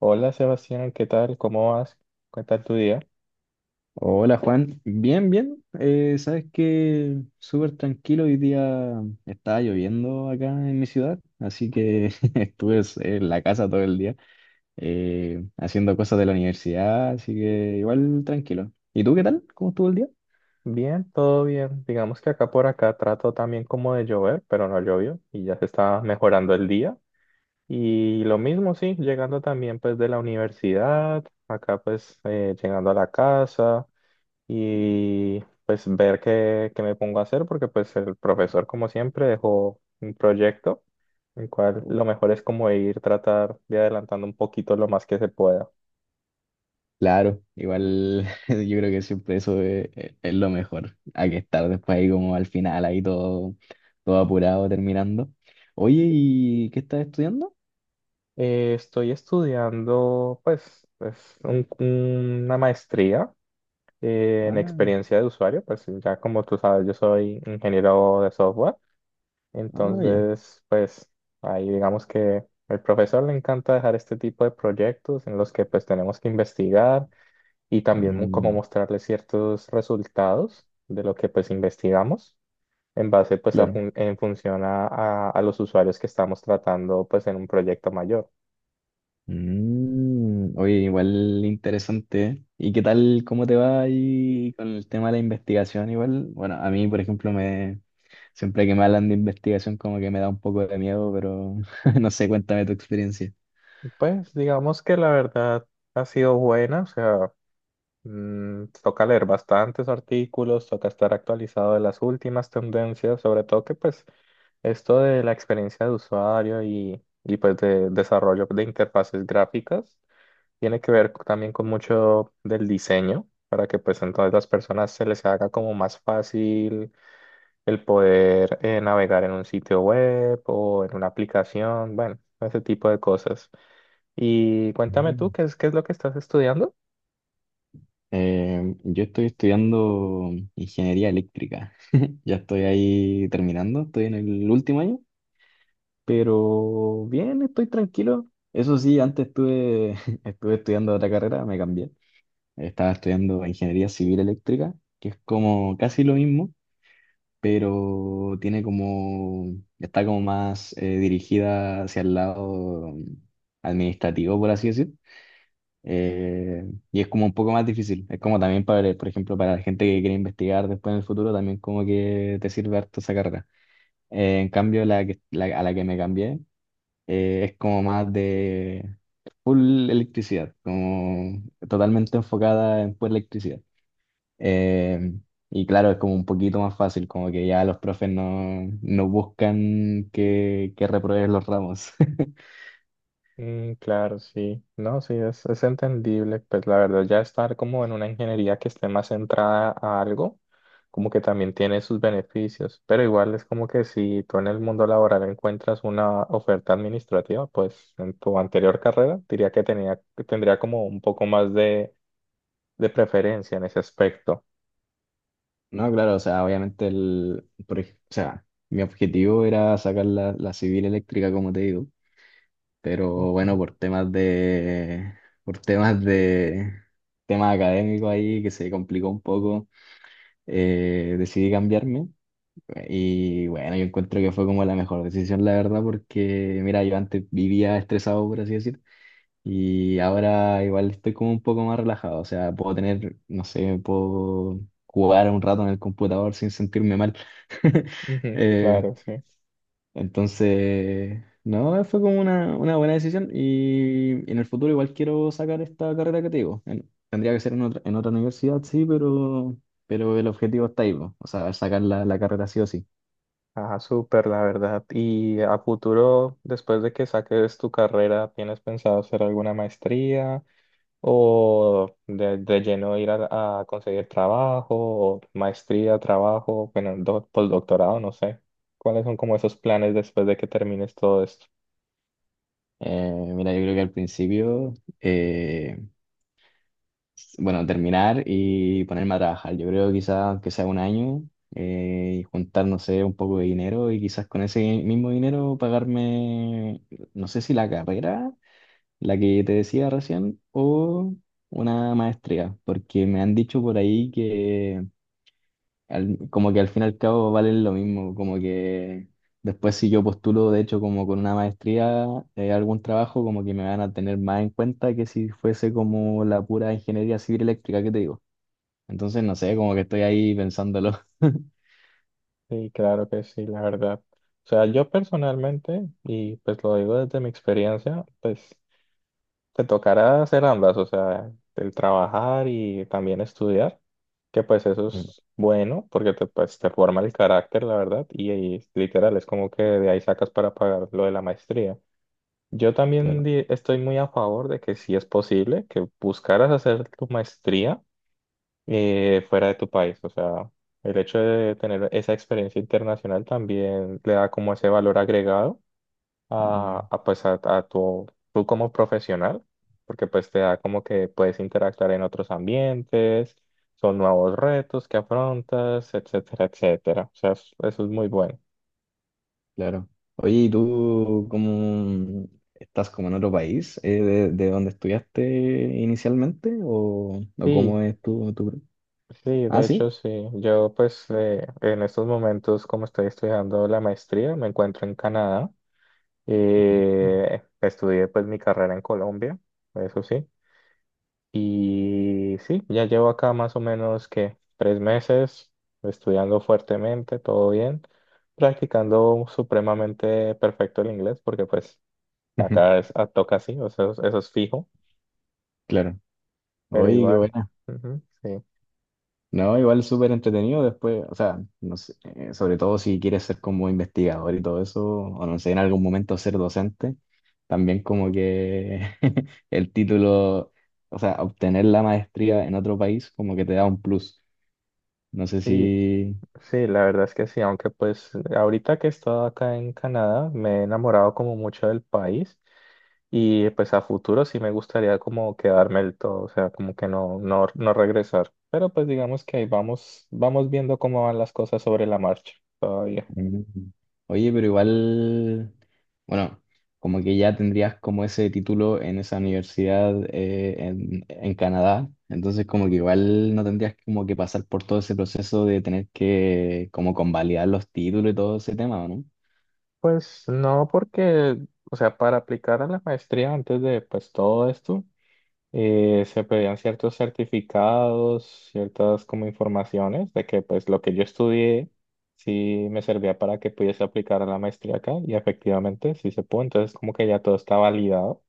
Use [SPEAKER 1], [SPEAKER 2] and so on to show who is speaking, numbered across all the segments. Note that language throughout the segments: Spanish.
[SPEAKER 1] Hola Sebastián, ¿qué tal? ¿Cómo vas? ¿Qué tal tu día?
[SPEAKER 2] Hola Juan, bien, bien. Sabes que súper tranquilo, hoy día estaba lloviendo acá en mi ciudad, así que estuve en la casa todo el día haciendo cosas de la universidad, así que igual tranquilo. ¿Y tú qué tal? ¿Cómo estuvo el día?
[SPEAKER 1] Bien, todo bien. Digamos que acá por acá trato también como de llover, pero no llovió y ya se está mejorando el día. Y lo mismo, sí, llegando también pues de la universidad, acá pues llegando a la casa y pues ver qué me pongo a hacer porque pues el profesor como siempre dejó un proyecto, el cual
[SPEAKER 2] Oh.
[SPEAKER 1] lo mejor es como ir tratar de adelantando un poquito lo más que se pueda.
[SPEAKER 2] Claro, igual yo creo que siempre eso es lo mejor, hay que estar después ahí como al final, ahí todo apurado terminando. Oye, ¿y qué estás estudiando?
[SPEAKER 1] Estoy estudiando, una maestría en
[SPEAKER 2] Ah,
[SPEAKER 1] experiencia de usuario, pues ya como tú sabes, yo soy ingeniero de software,
[SPEAKER 2] ah, ya.
[SPEAKER 1] entonces, pues ahí digamos que al profesor le encanta dejar este tipo de proyectos en los que pues tenemos que investigar y también como
[SPEAKER 2] Mm.
[SPEAKER 1] mostrarle ciertos resultados de lo que pues investigamos en base pues a
[SPEAKER 2] Claro.
[SPEAKER 1] en función a a los usuarios que estamos tratando pues en un proyecto mayor.
[SPEAKER 2] Mm, oye, igual interesante, ¿eh? ¿Y qué tal, cómo te va ahí con el tema de la investigación? Igual, bueno, a mí, por ejemplo, me siempre que me hablan de investigación como que me da un poco de miedo, pero no sé, cuéntame tu experiencia.
[SPEAKER 1] Pues digamos que la verdad ha sido buena, o sea, toca leer bastantes artículos, toca estar actualizado de las últimas tendencias, sobre todo que pues esto de la experiencia de usuario y pues de desarrollo de interfaces gráficas tiene que ver también con mucho del diseño, para que pues entonces las personas se les haga como más fácil el poder navegar en un sitio web o en una aplicación, bueno, ese tipo de cosas. Y cuéntame tú,
[SPEAKER 2] Mm.
[SPEAKER 1] qué es lo que estás estudiando?
[SPEAKER 2] Yo estoy estudiando ingeniería eléctrica. Ya estoy ahí terminando, estoy en el último año, pero bien, estoy tranquilo. Eso sí, estuve estudiando otra carrera, me cambié. Estaba estudiando ingeniería civil eléctrica, que es como casi lo mismo, pero tiene como, está como más dirigida hacia el lado administrativo, por así decir. Eh, y es como un poco más difícil. Es como también para, por ejemplo, para la gente que quiere investigar después en el futuro, también como que te sirve harto esa carrera. En cambio, la a la que me cambié es como más de full electricidad, como totalmente enfocada en pura electricidad. Eh, y claro, es como un poquito más fácil, como que ya los profes no buscan que repruebes los ramos.
[SPEAKER 1] Mm, claro, sí, no, sí, es entendible, pues la verdad ya estar como en una ingeniería que esté más centrada a algo, como que también tiene sus beneficios, pero igual es como que si tú en el mundo laboral encuentras una oferta administrativa, pues en tu anterior carrera diría que tendría como un poco más de preferencia en ese aspecto.
[SPEAKER 2] No, claro, o sea, obviamente el, por ej- o sea, mi objetivo era sacar la civil eléctrica, como te digo, pero bueno,
[SPEAKER 1] Ujú,
[SPEAKER 2] por temas de, temas académicos ahí, que se complicó un poco. Decidí cambiarme. Y bueno, yo encuentro que fue como la mejor decisión, la verdad, porque mira, yo antes vivía estresado, por así decirlo. Y ahora igual estoy como un poco más relajado, o sea, puedo tener, no sé, puedo jugar un rato en el computador sin sentirme mal.
[SPEAKER 1] ujú,
[SPEAKER 2] Eh,
[SPEAKER 1] claro, sí.
[SPEAKER 2] entonces, no, fue como una buena decisión y en el futuro igual quiero sacar esta carrera que te digo. Tendría que ser en otra universidad, sí, pero el objetivo está ahí, po. O sea, sacar la carrera sí o sí.
[SPEAKER 1] Ah, súper, la verdad. ¿Y a futuro, después de que saques tu carrera, tienes pensado hacer alguna maestría o de lleno ir a conseguir trabajo o maestría, trabajo, bueno, postdoctorado, no sé? ¿Cuáles son como esos planes después de que termines todo esto?
[SPEAKER 2] Mira, yo creo que al principio... eh, bueno, terminar y ponerme a trabajar. Yo creo quizás que sea un año y juntar, no sé, un poco de dinero y quizás con ese mismo dinero pagarme, no sé si la carrera, la que te decía recién, o una maestría, porque me han dicho por ahí que como que al fin y al cabo valen lo mismo, como que después si yo postulo, de hecho, como con una maestría, algún trabajo, como que me van a tener más en cuenta que si fuese como la pura ingeniería civil eléctrica que te digo. Entonces, no sé, como que estoy ahí pensándolo.
[SPEAKER 1] Sí, claro que sí, la verdad. O sea, yo personalmente, y pues lo digo desde mi experiencia, pues te tocará hacer ambas, o sea, el trabajar y también estudiar, que pues eso
[SPEAKER 2] Mm.
[SPEAKER 1] es bueno porque pues, te forma el carácter, la verdad, y literal es como que de ahí sacas para pagar lo de la maestría. Yo también
[SPEAKER 2] Claro,
[SPEAKER 1] estoy muy a favor de que si es posible que buscaras hacer tu maestría fuera de tu país, o sea, el hecho de tener esa experiencia internacional también le da como ese valor agregado
[SPEAKER 2] mm,
[SPEAKER 1] pues tú como profesional, porque pues te da como que puedes interactuar en otros ambientes, son nuevos retos que afrontas, etcétera, etcétera. O sea, eso es muy bueno.
[SPEAKER 2] claro. Oye, ¿y tú cómo estás como en otro país de donde estudiaste inicialmente? O
[SPEAKER 1] Sí,
[SPEAKER 2] cómo es tu, tu...
[SPEAKER 1] sí,
[SPEAKER 2] Ah,
[SPEAKER 1] de hecho
[SPEAKER 2] sí,
[SPEAKER 1] sí. Yo pues en estos momentos como estoy estudiando la maestría, me encuentro en Canadá. Estudié pues mi carrera en Colombia, eso sí. Y sí, ya llevo acá más o menos que 3 meses estudiando fuertemente, todo bien, practicando supremamente perfecto el inglés, porque pues acá toca así, o sea, eso, es fijo,
[SPEAKER 2] claro.
[SPEAKER 1] pero
[SPEAKER 2] Oye, qué
[SPEAKER 1] igual,
[SPEAKER 2] bueno.
[SPEAKER 1] ujú, sí,
[SPEAKER 2] No, igual súper entretenido después, o sea, no sé, sobre todo si quieres ser como investigador y todo eso, o no sé, en algún momento ser docente, también como que el título, o sea, obtener la maestría en otro país como que te da un plus. No sé
[SPEAKER 1] sí,
[SPEAKER 2] si,
[SPEAKER 1] sí, la verdad es que sí, aunque pues ahorita que he estado acá en Canadá, me he enamorado como mucho del país. Y pues a futuro sí me gustaría como quedarme del todo, o sea, como que no, no, no regresar. Pero pues digamos que ahí vamos, vamos viendo cómo van las cosas sobre la marcha todavía.
[SPEAKER 2] mm. Oye, pero igual, bueno, como que ya tendrías como ese título en esa universidad en Canadá, entonces como que igual no tendrías como que pasar por todo ese proceso de tener que como convalidar los títulos y todo ese tema, ¿o ¿no?
[SPEAKER 1] Pues no, porque, o sea, para aplicar a la maestría antes de pues todo esto, se pedían ciertos certificados, ciertas como informaciones de que pues lo que yo estudié sí me servía para que pudiese aplicar a la maestría acá y efectivamente sí se pudo, entonces como que ya todo está validado.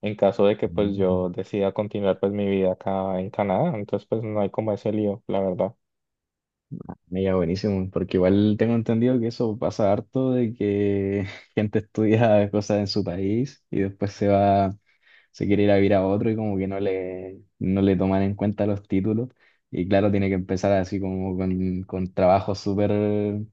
[SPEAKER 1] En caso de que pues
[SPEAKER 2] Mm.
[SPEAKER 1] yo decida continuar pues mi vida acá en Canadá, entonces pues no hay como ese lío, la verdad.
[SPEAKER 2] Mira, buenísimo, porque igual tengo entendido que eso pasa harto de que gente estudia cosas en su país y después se va, se quiere ir a vivir a otro y como que no le, no le toman en cuenta los títulos. Y claro, tiene que empezar así como con trabajos súper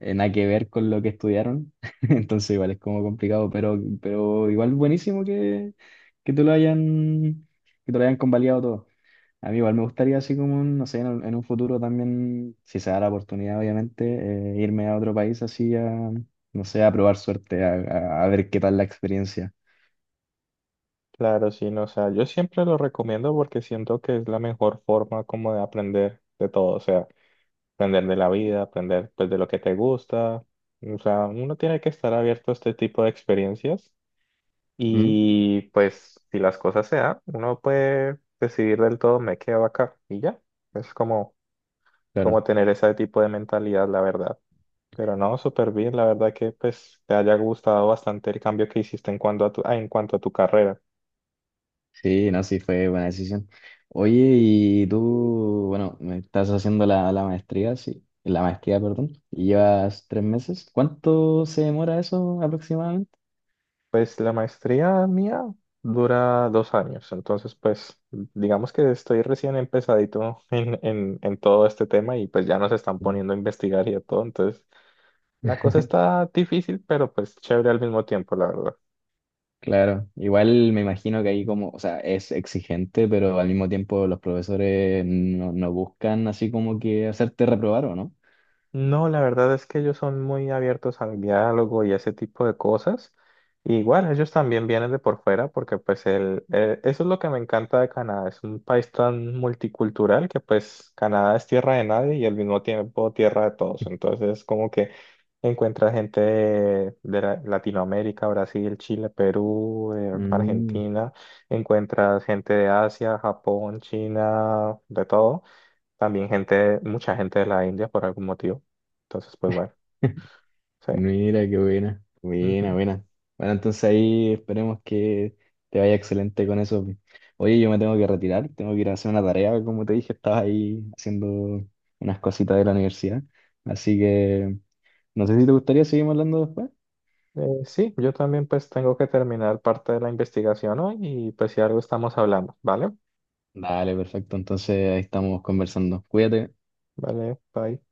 [SPEAKER 2] nada que ver con lo que estudiaron. Entonces igual es como complicado, pero igual buenísimo que, que te lo hayan, que te lo hayan convalidado todo. A mí igual me gustaría así como, no sé, en un futuro también, si se da la oportunidad, obviamente, irme a otro país así a, no sé, a probar suerte, a ver qué tal la experiencia.
[SPEAKER 1] Claro, sí, no, o sea, yo siempre lo recomiendo porque siento que es la mejor forma como de aprender de todo, o sea, aprender de la vida, aprender pues de lo que te gusta, o sea, uno tiene que estar abierto a este tipo de experiencias
[SPEAKER 2] Mm,
[SPEAKER 1] y pues si las cosas se dan, uno puede decidir del todo me quedo acá y ya, es como,
[SPEAKER 2] claro.
[SPEAKER 1] como tener ese tipo de mentalidad, la verdad. Pero no, súper bien, la verdad que pues te haya gustado bastante el cambio que hiciste en cuanto a tu, ah, en cuanto a tu carrera.
[SPEAKER 2] Sí, no, sí, fue buena decisión. Oye, y tú, bueno, me estás haciendo la maestría, sí, la maestría, perdón, y llevas 3 meses. ¿Cuánto se demora eso aproximadamente?
[SPEAKER 1] Pues la maestría mía dura 2 años, entonces pues digamos que estoy recién empezadito en todo este tema y pues ya nos están
[SPEAKER 2] Uno.
[SPEAKER 1] poniendo a investigar y a todo, entonces la cosa está difícil, pero pues chévere al mismo tiempo, la verdad.
[SPEAKER 2] Claro, igual me imagino que ahí como, o sea, es exigente, pero al mismo tiempo los profesores no buscan así como que hacerte reprobar, ¿o no?
[SPEAKER 1] No, la verdad es que ellos son muy abiertos al diálogo y ese tipo de cosas. Y igual, ellos también vienen de por fuera porque pues eso es lo que me encanta de Canadá. Es un país tan multicultural que pues Canadá es tierra de nadie y al mismo tiempo tierra de todos. Entonces como que encuentra gente de Latinoamérica, Brasil, Chile, Perú,
[SPEAKER 2] Mm.
[SPEAKER 1] Argentina. Encuentras gente de Asia, Japón, China, de todo. También mucha gente de la India por algún motivo. Entonces, pues bueno, sí.
[SPEAKER 2] Mira, qué buena, buena,
[SPEAKER 1] Ujú.
[SPEAKER 2] buena. Bueno, entonces ahí esperemos que te vaya excelente con eso. Oye, yo me tengo que retirar, tengo que ir a hacer una tarea, como te dije, estaba ahí haciendo unas cositas de la universidad. Así que no sé si te gustaría seguir hablando después.
[SPEAKER 1] Sí, yo también pues tengo que terminar parte de la investigación hoy y pues si algo estamos hablando, ¿vale?
[SPEAKER 2] Dale, perfecto, entonces ahí estamos conversando. Cuídate.
[SPEAKER 1] Vale, bye.